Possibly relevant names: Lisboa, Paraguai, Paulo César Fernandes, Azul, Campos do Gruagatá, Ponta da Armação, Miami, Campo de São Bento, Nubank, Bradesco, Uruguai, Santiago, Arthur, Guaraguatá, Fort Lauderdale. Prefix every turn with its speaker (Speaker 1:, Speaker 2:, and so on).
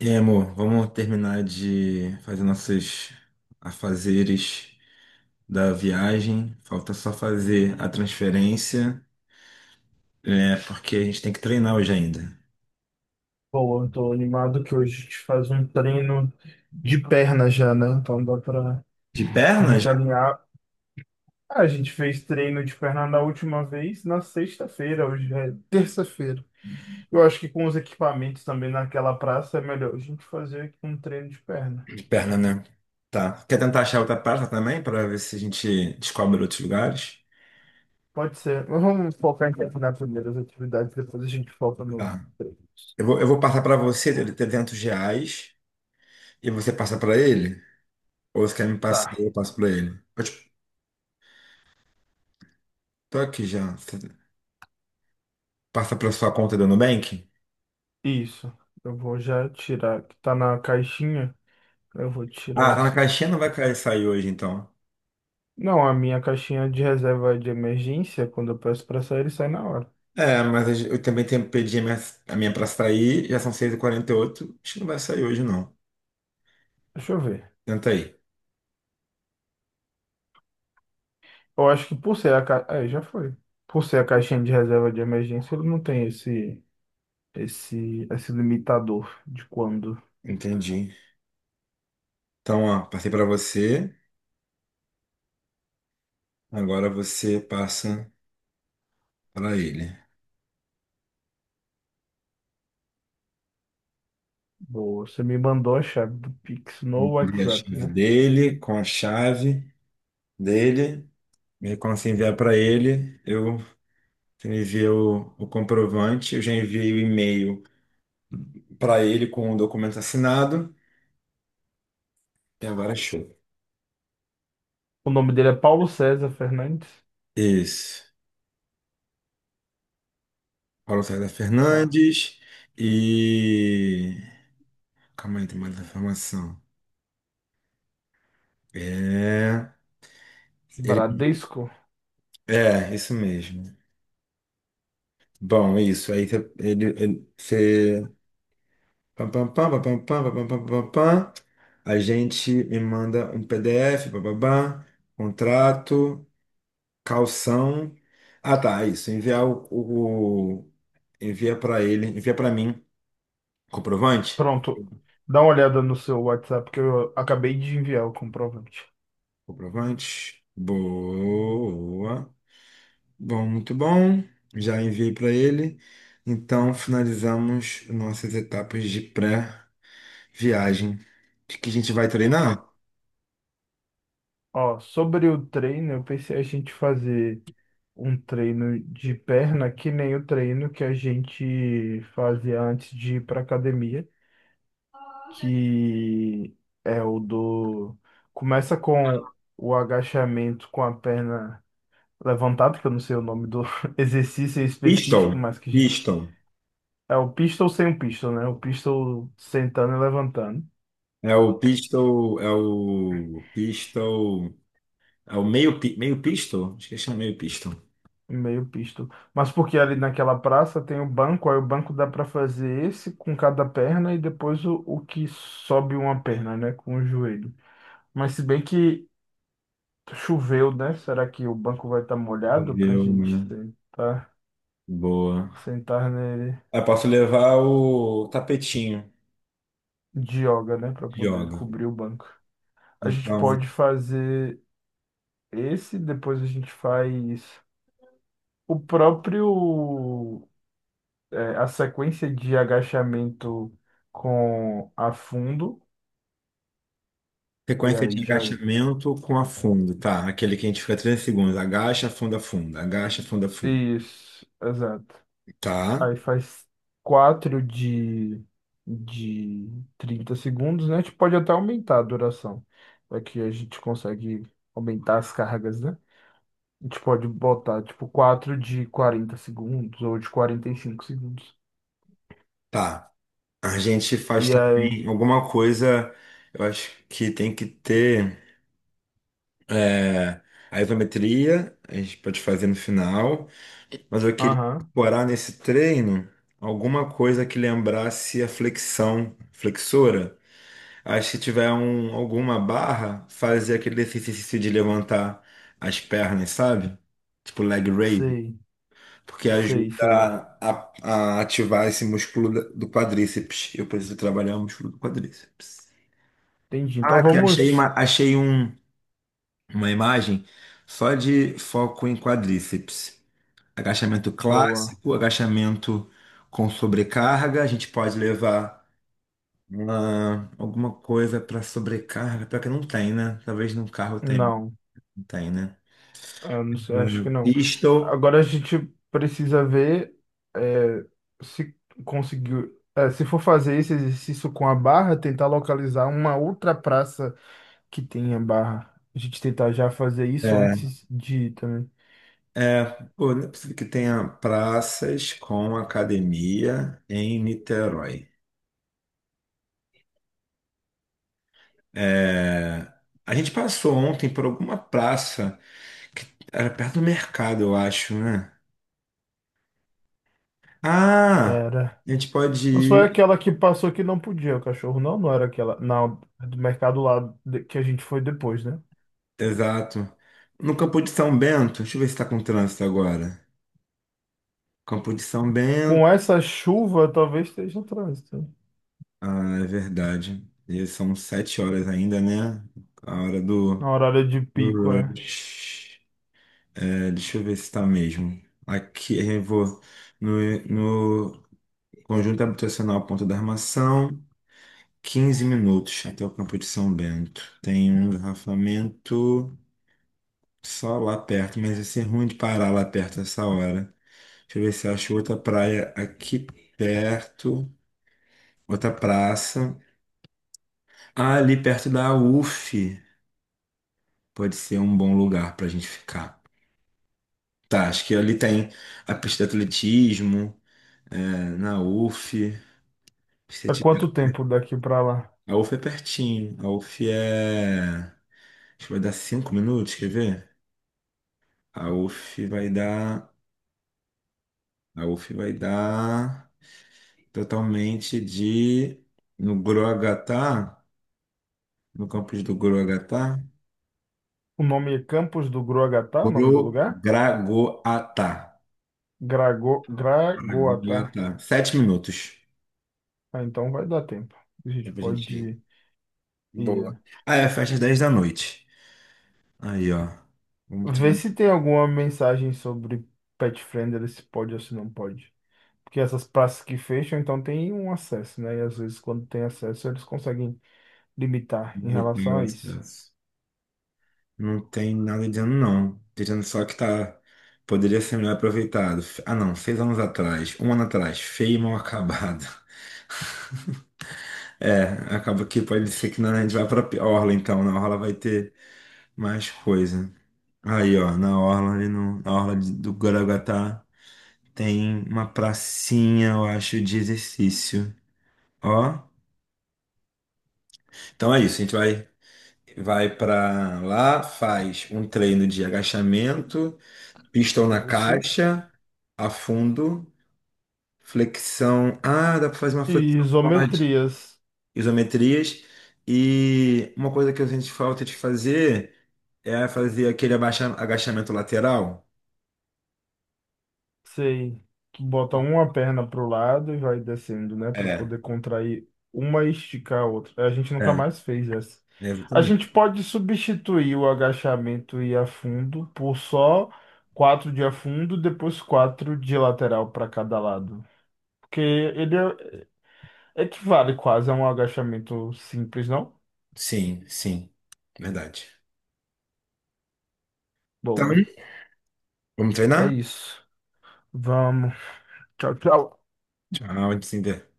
Speaker 1: E aí, amor, vamos terminar de fazer nossos afazeres da viagem. Falta só fazer a transferência, porque a gente tem que treinar hoje ainda.
Speaker 2: Pô, eu tô animado que hoje a gente faz um treino de perna já, né? Então dá pra
Speaker 1: De perna
Speaker 2: gente
Speaker 1: já?
Speaker 2: alinhar. Ah, a gente fez treino de perna na última vez, na sexta-feira, hoje é terça-feira. Eu acho que com os equipamentos também naquela praça é melhor a gente fazer aqui um treino de perna.
Speaker 1: De perna, né? Tá. Quer tentar achar outra praça também, para ver se a gente descobre outros lugares?
Speaker 2: Pode ser. Mas vamos focar em terminar primeiro as atividades, depois a gente foca nos
Speaker 1: Tá.
Speaker 2: treinos.
Speaker 1: Eu vou passar para você, ele R$ 300, e você passa para ele? Ou você quer me passar
Speaker 2: Tá,
Speaker 1: e eu passo para ele? Tô aqui já. Você passa para sua conta do Nubank?
Speaker 2: isso. Eu vou já tirar, que tá na caixinha, eu vou tirar
Speaker 1: Ah, tá na
Speaker 2: esses.
Speaker 1: caixinha, não vai sair hoje, então.
Speaker 2: Não, a minha caixinha de reserva de emergência, quando eu peço para sair, ele sai na hora.
Speaker 1: É, mas eu também tenho, pedi a minha pra sair, já são 6 e 48, acho que não vai sair hoje, não.
Speaker 2: Deixa eu ver.
Speaker 1: Tenta aí.
Speaker 2: Eu acho que por ser a ca... é, já foi. Por ser a caixinha de reserva de emergência, ele não tem esse limitador de quando.
Speaker 1: Entendi. Então, ó, passei pra você, agora você passa pra ele.
Speaker 2: Boa, você me mandou a chave do Pix no
Speaker 1: Envia a
Speaker 2: WhatsApp,
Speaker 1: chave
Speaker 2: né?
Speaker 1: dele, com a chave dele, e aí quando você enviar pra ele, eu você envia o comprovante, eu já enviei o e-mail pra ele com o documento assinado, e agora é show.
Speaker 2: O nome dele é Paulo César Fernandes.
Speaker 1: Isso. Paulo César
Speaker 2: Tá.
Speaker 1: Fernandes e. Calma aí, tem mais informação. É. Ele pediu.
Speaker 2: Bradesco.
Speaker 1: É, isso mesmo. Bom, é isso. Aí você. Você. Pam, pam, pam, pam, pam, pam, pam, pam, pam, pam. A gente me manda um PDF, bababá, contrato, calção. Ah, tá, é isso. Enviar envia para ele, envia para mim. Comprovante?
Speaker 2: Pronto. Dá uma olhada no seu WhatsApp que eu acabei de enviar o comprovante.
Speaker 1: Comprovante. Boa. Bom, muito bom. Já enviei para ele. Então, finalizamos nossas etapas de pré-viagem. De que a gente vai treinar?
Speaker 2: Ó, sobre o treino, eu pensei a gente fazer um treino de perna que nem o treino que a gente fazia antes de ir para academia, que é o do começa com o agachamento com a perna levantada, que eu não sei o nome do exercício específico.
Speaker 1: Pistol.
Speaker 2: mas que a gente...
Speaker 1: Pistol.
Speaker 2: é o pistol sem o pistol, né? O pistol sentando e levantando.
Speaker 1: É o pistol. É o pistol. É o meio, meio pistol? Acho que chama meio pistol.
Speaker 2: Meio pisto. Mas porque ali naquela praça tem o banco, aí o banco dá para fazer esse com cada perna e depois o que sobe uma perna, né, com o joelho. Mas se bem que choveu, né? Será que o banco vai estar molhado para a
Speaker 1: Meu,
Speaker 2: gente
Speaker 1: né?
Speaker 2: sentar,
Speaker 1: Boa.
Speaker 2: sentar nele
Speaker 1: Eu posso levar o tapetinho
Speaker 2: de yoga, né, para
Speaker 1: de
Speaker 2: poder
Speaker 1: yoga.
Speaker 2: cobrir o banco? A gente
Speaker 1: Então,
Speaker 2: pode fazer esse, depois a gente faz o próprio, é, a sequência de agachamento com afundo. E
Speaker 1: sequência de
Speaker 2: aí já.
Speaker 1: agachamento com afundo, tá? Aquele que a gente fica 3 segundos. Agacha, afunda, afunda. Agacha, afunda, afunda.
Speaker 2: Isso, exato.
Speaker 1: Tá,
Speaker 2: Aí faz quatro de 30 segundos, né? A gente pode até aumentar a duração. Aqui a gente consegue aumentar as cargas, né? A gente pode botar tipo quatro de 40 segundos ou de 45 segundos.
Speaker 1: tá. A gente faz
Speaker 2: E aí?
Speaker 1: também alguma coisa, eu acho que tem que ter é, a isometria, a gente pode fazer no final, mas eu queria
Speaker 2: Aham,
Speaker 1: incorporar nesse treino alguma coisa que lembrasse a flexão, flexora. Aí se tiver alguma barra, fazer aquele exercício de levantar as pernas, sabe? Tipo leg raise.
Speaker 2: sei,
Speaker 1: Porque
Speaker 2: sei,
Speaker 1: ajuda
Speaker 2: sei.
Speaker 1: a ativar esse músculo do quadríceps. Eu preciso trabalhar o músculo do quadríceps.
Speaker 2: Entendi. Então
Speaker 1: Ah, que achei
Speaker 2: vamos.
Speaker 1: uma, achei um, uma imagem só de foco em quadríceps. Agachamento
Speaker 2: Boa.
Speaker 1: clássico, agachamento com sobrecarga. A gente pode levar alguma coisa para sobrecarga, pior que não tem, né? Talvez no carro tenha,
Speaker 2: Não.
Speaker 1: não tem, né?
Speaker 2: Eu não sei, acho que não.
Speaker 1: Pistol.
Speaker 2: Agora a gente precisa ver, é, se conseguiu. É, se for fazer esse exercício com a barra, tentar localizar uma outra praça que tenha barra. A gente tentar já fazer isso
Speaker 1: é,
Speaker 2: antes de ir também.
Speaker 1: É, pô, não é possível que tenha praças com academia em Niterói. É, a gente passou ontem por alguma praça que era perto do mercado, eu acho, né? Ah,
Speaker 2: Era.
Speaker 1: a gente pode
Speaker 2: Mas foi
Speaker 1: ir,
Speaker 2: aquela que passou que não podia, o cachorro não, não era aquela. Não, do mercado lá de- que a gente foi depois, né?
Speaker 1: exato, no Campo de São Bento. Deixa eu ver se está com trânsito agora. Campo de São
Speaker 2: Com
Speaker 1: Bento.
Speaker 2: essa chuva, talvez esteja no trânsito.
Speaker 1: Ah, é verdade. E são 7 horas ainda, né? A hora
Speaker 2: Na
Speaker 1: do,
Speaker 2: horário de
Speaker 1: do
Speaker 2: pico, é.
Speaker 1: rush. É, deixa eu ver se está mesmo. Aqui eu vou no, no conjunto habitacional Ponta da Armação, 15 minutos até o Campo de São Bento. Tem um engarrafamento só lá perto, mas ia ser ruim de parar lá perto essa hora. Deixa eu ver se eu acho outra praia aqui perto, outra praça. Ah, ali perto da UF pode ser um bom lugar para a gente ficar. Tá, acho que ali tem a pista de atletismo, na UF. Se
Speaker 2: É
Speaker 1: tiver,
Speaker 2: quanto tempo daqui pra lá?
Speaker 1: a UF é pertinho. A UF é. Acho que vai dar 5 minutos, quer ver? A UF vai dar. A UF vai dar totalmente de. No Guruagatá, no campus do Guruagatá.
Speaker 2: O nome é Campos do Gruagatá, o nome do lugar?
Speaker 1: Gurugragoatá.
Speaker 2: Grago, Gragoatá.
Speaker 1: Gragoatá. 7 minutos.
Speaker 2: Ah, então vai dar tempo. A gente
Speaker 1: Dá pra gente
Speaker 2: pode
Speaker 1: ir.
Speaker 2: ir,
Speaker 1: Boa.
Speaker 2: é.
Speaker 1: Ah, é, fecha às 10 da noite. Aí, ó. Vamos ter
Speaker 2: Ver se tem alguma mensagem sobre pet friendly, se pode ou se não pode. Porque essas praças que fecham, então tem um acesso, né? E às vezes quando tem acesso, eles conseguem limitar em
Speaker 1: vamos ter
Speaker 2: relação
Speaker 1: o
Speaker 2: a isso.
Speaker 1: acesso. Não tem nada de ano, não. Dizendo só que tá. Poderia ser melhor aproveitado. Ah, não, 6 anos atrás, um ano atrás, feio e mal acabado. É, acaba que pode ser que a gente vai pra Orla, então. Na Orla vai ter mais coisa. Aí, ó, na Orla, ali no, na Orla do Guaraguatá, tem uma pracinha, eu acho, de exercício. Ó, então é isso, a gente vai, pra lá, faz um treino de agachamento, pistão na
Speaker 2: Isso.
Speaker 1: caixa, afundo, flexão. Ah, dá para fazer uma
Speaker 2: E
Speaker 1: flexão, pode,
Speaker 2: isometrias.
Speaker 1: isometrias. E uma coisa que eu sinto falta de fazer é fazer aquele agachamento lateral.
Speaker 2: Sei. Tu bota uma perna pro lado e vai descendo, né? Pra
Speaker 1: É,
Speaker 2: poder contrair uma e esticar a outra. A gente nunca
Speaker 1: é,
Speaker 2: mais fez essa. A
Speaker 1: exatamente.
Speaker 2: gente pode substituir o agachamento e afundo por só quatro de afundo, depois quatro de lateral para cada lado. Porque ele é- equivale quase a um agachamento simples, não?
Speaker 1: Sim, sim. Verdade. Então,
Speaker 2: Boa.
Speaker 1: vamos
Speaker 2: É
Speaker 1: treinar?
Speaker 2: isso. Vamos. Tchau, tchau.
Speaker 1: Tchau, Tinder.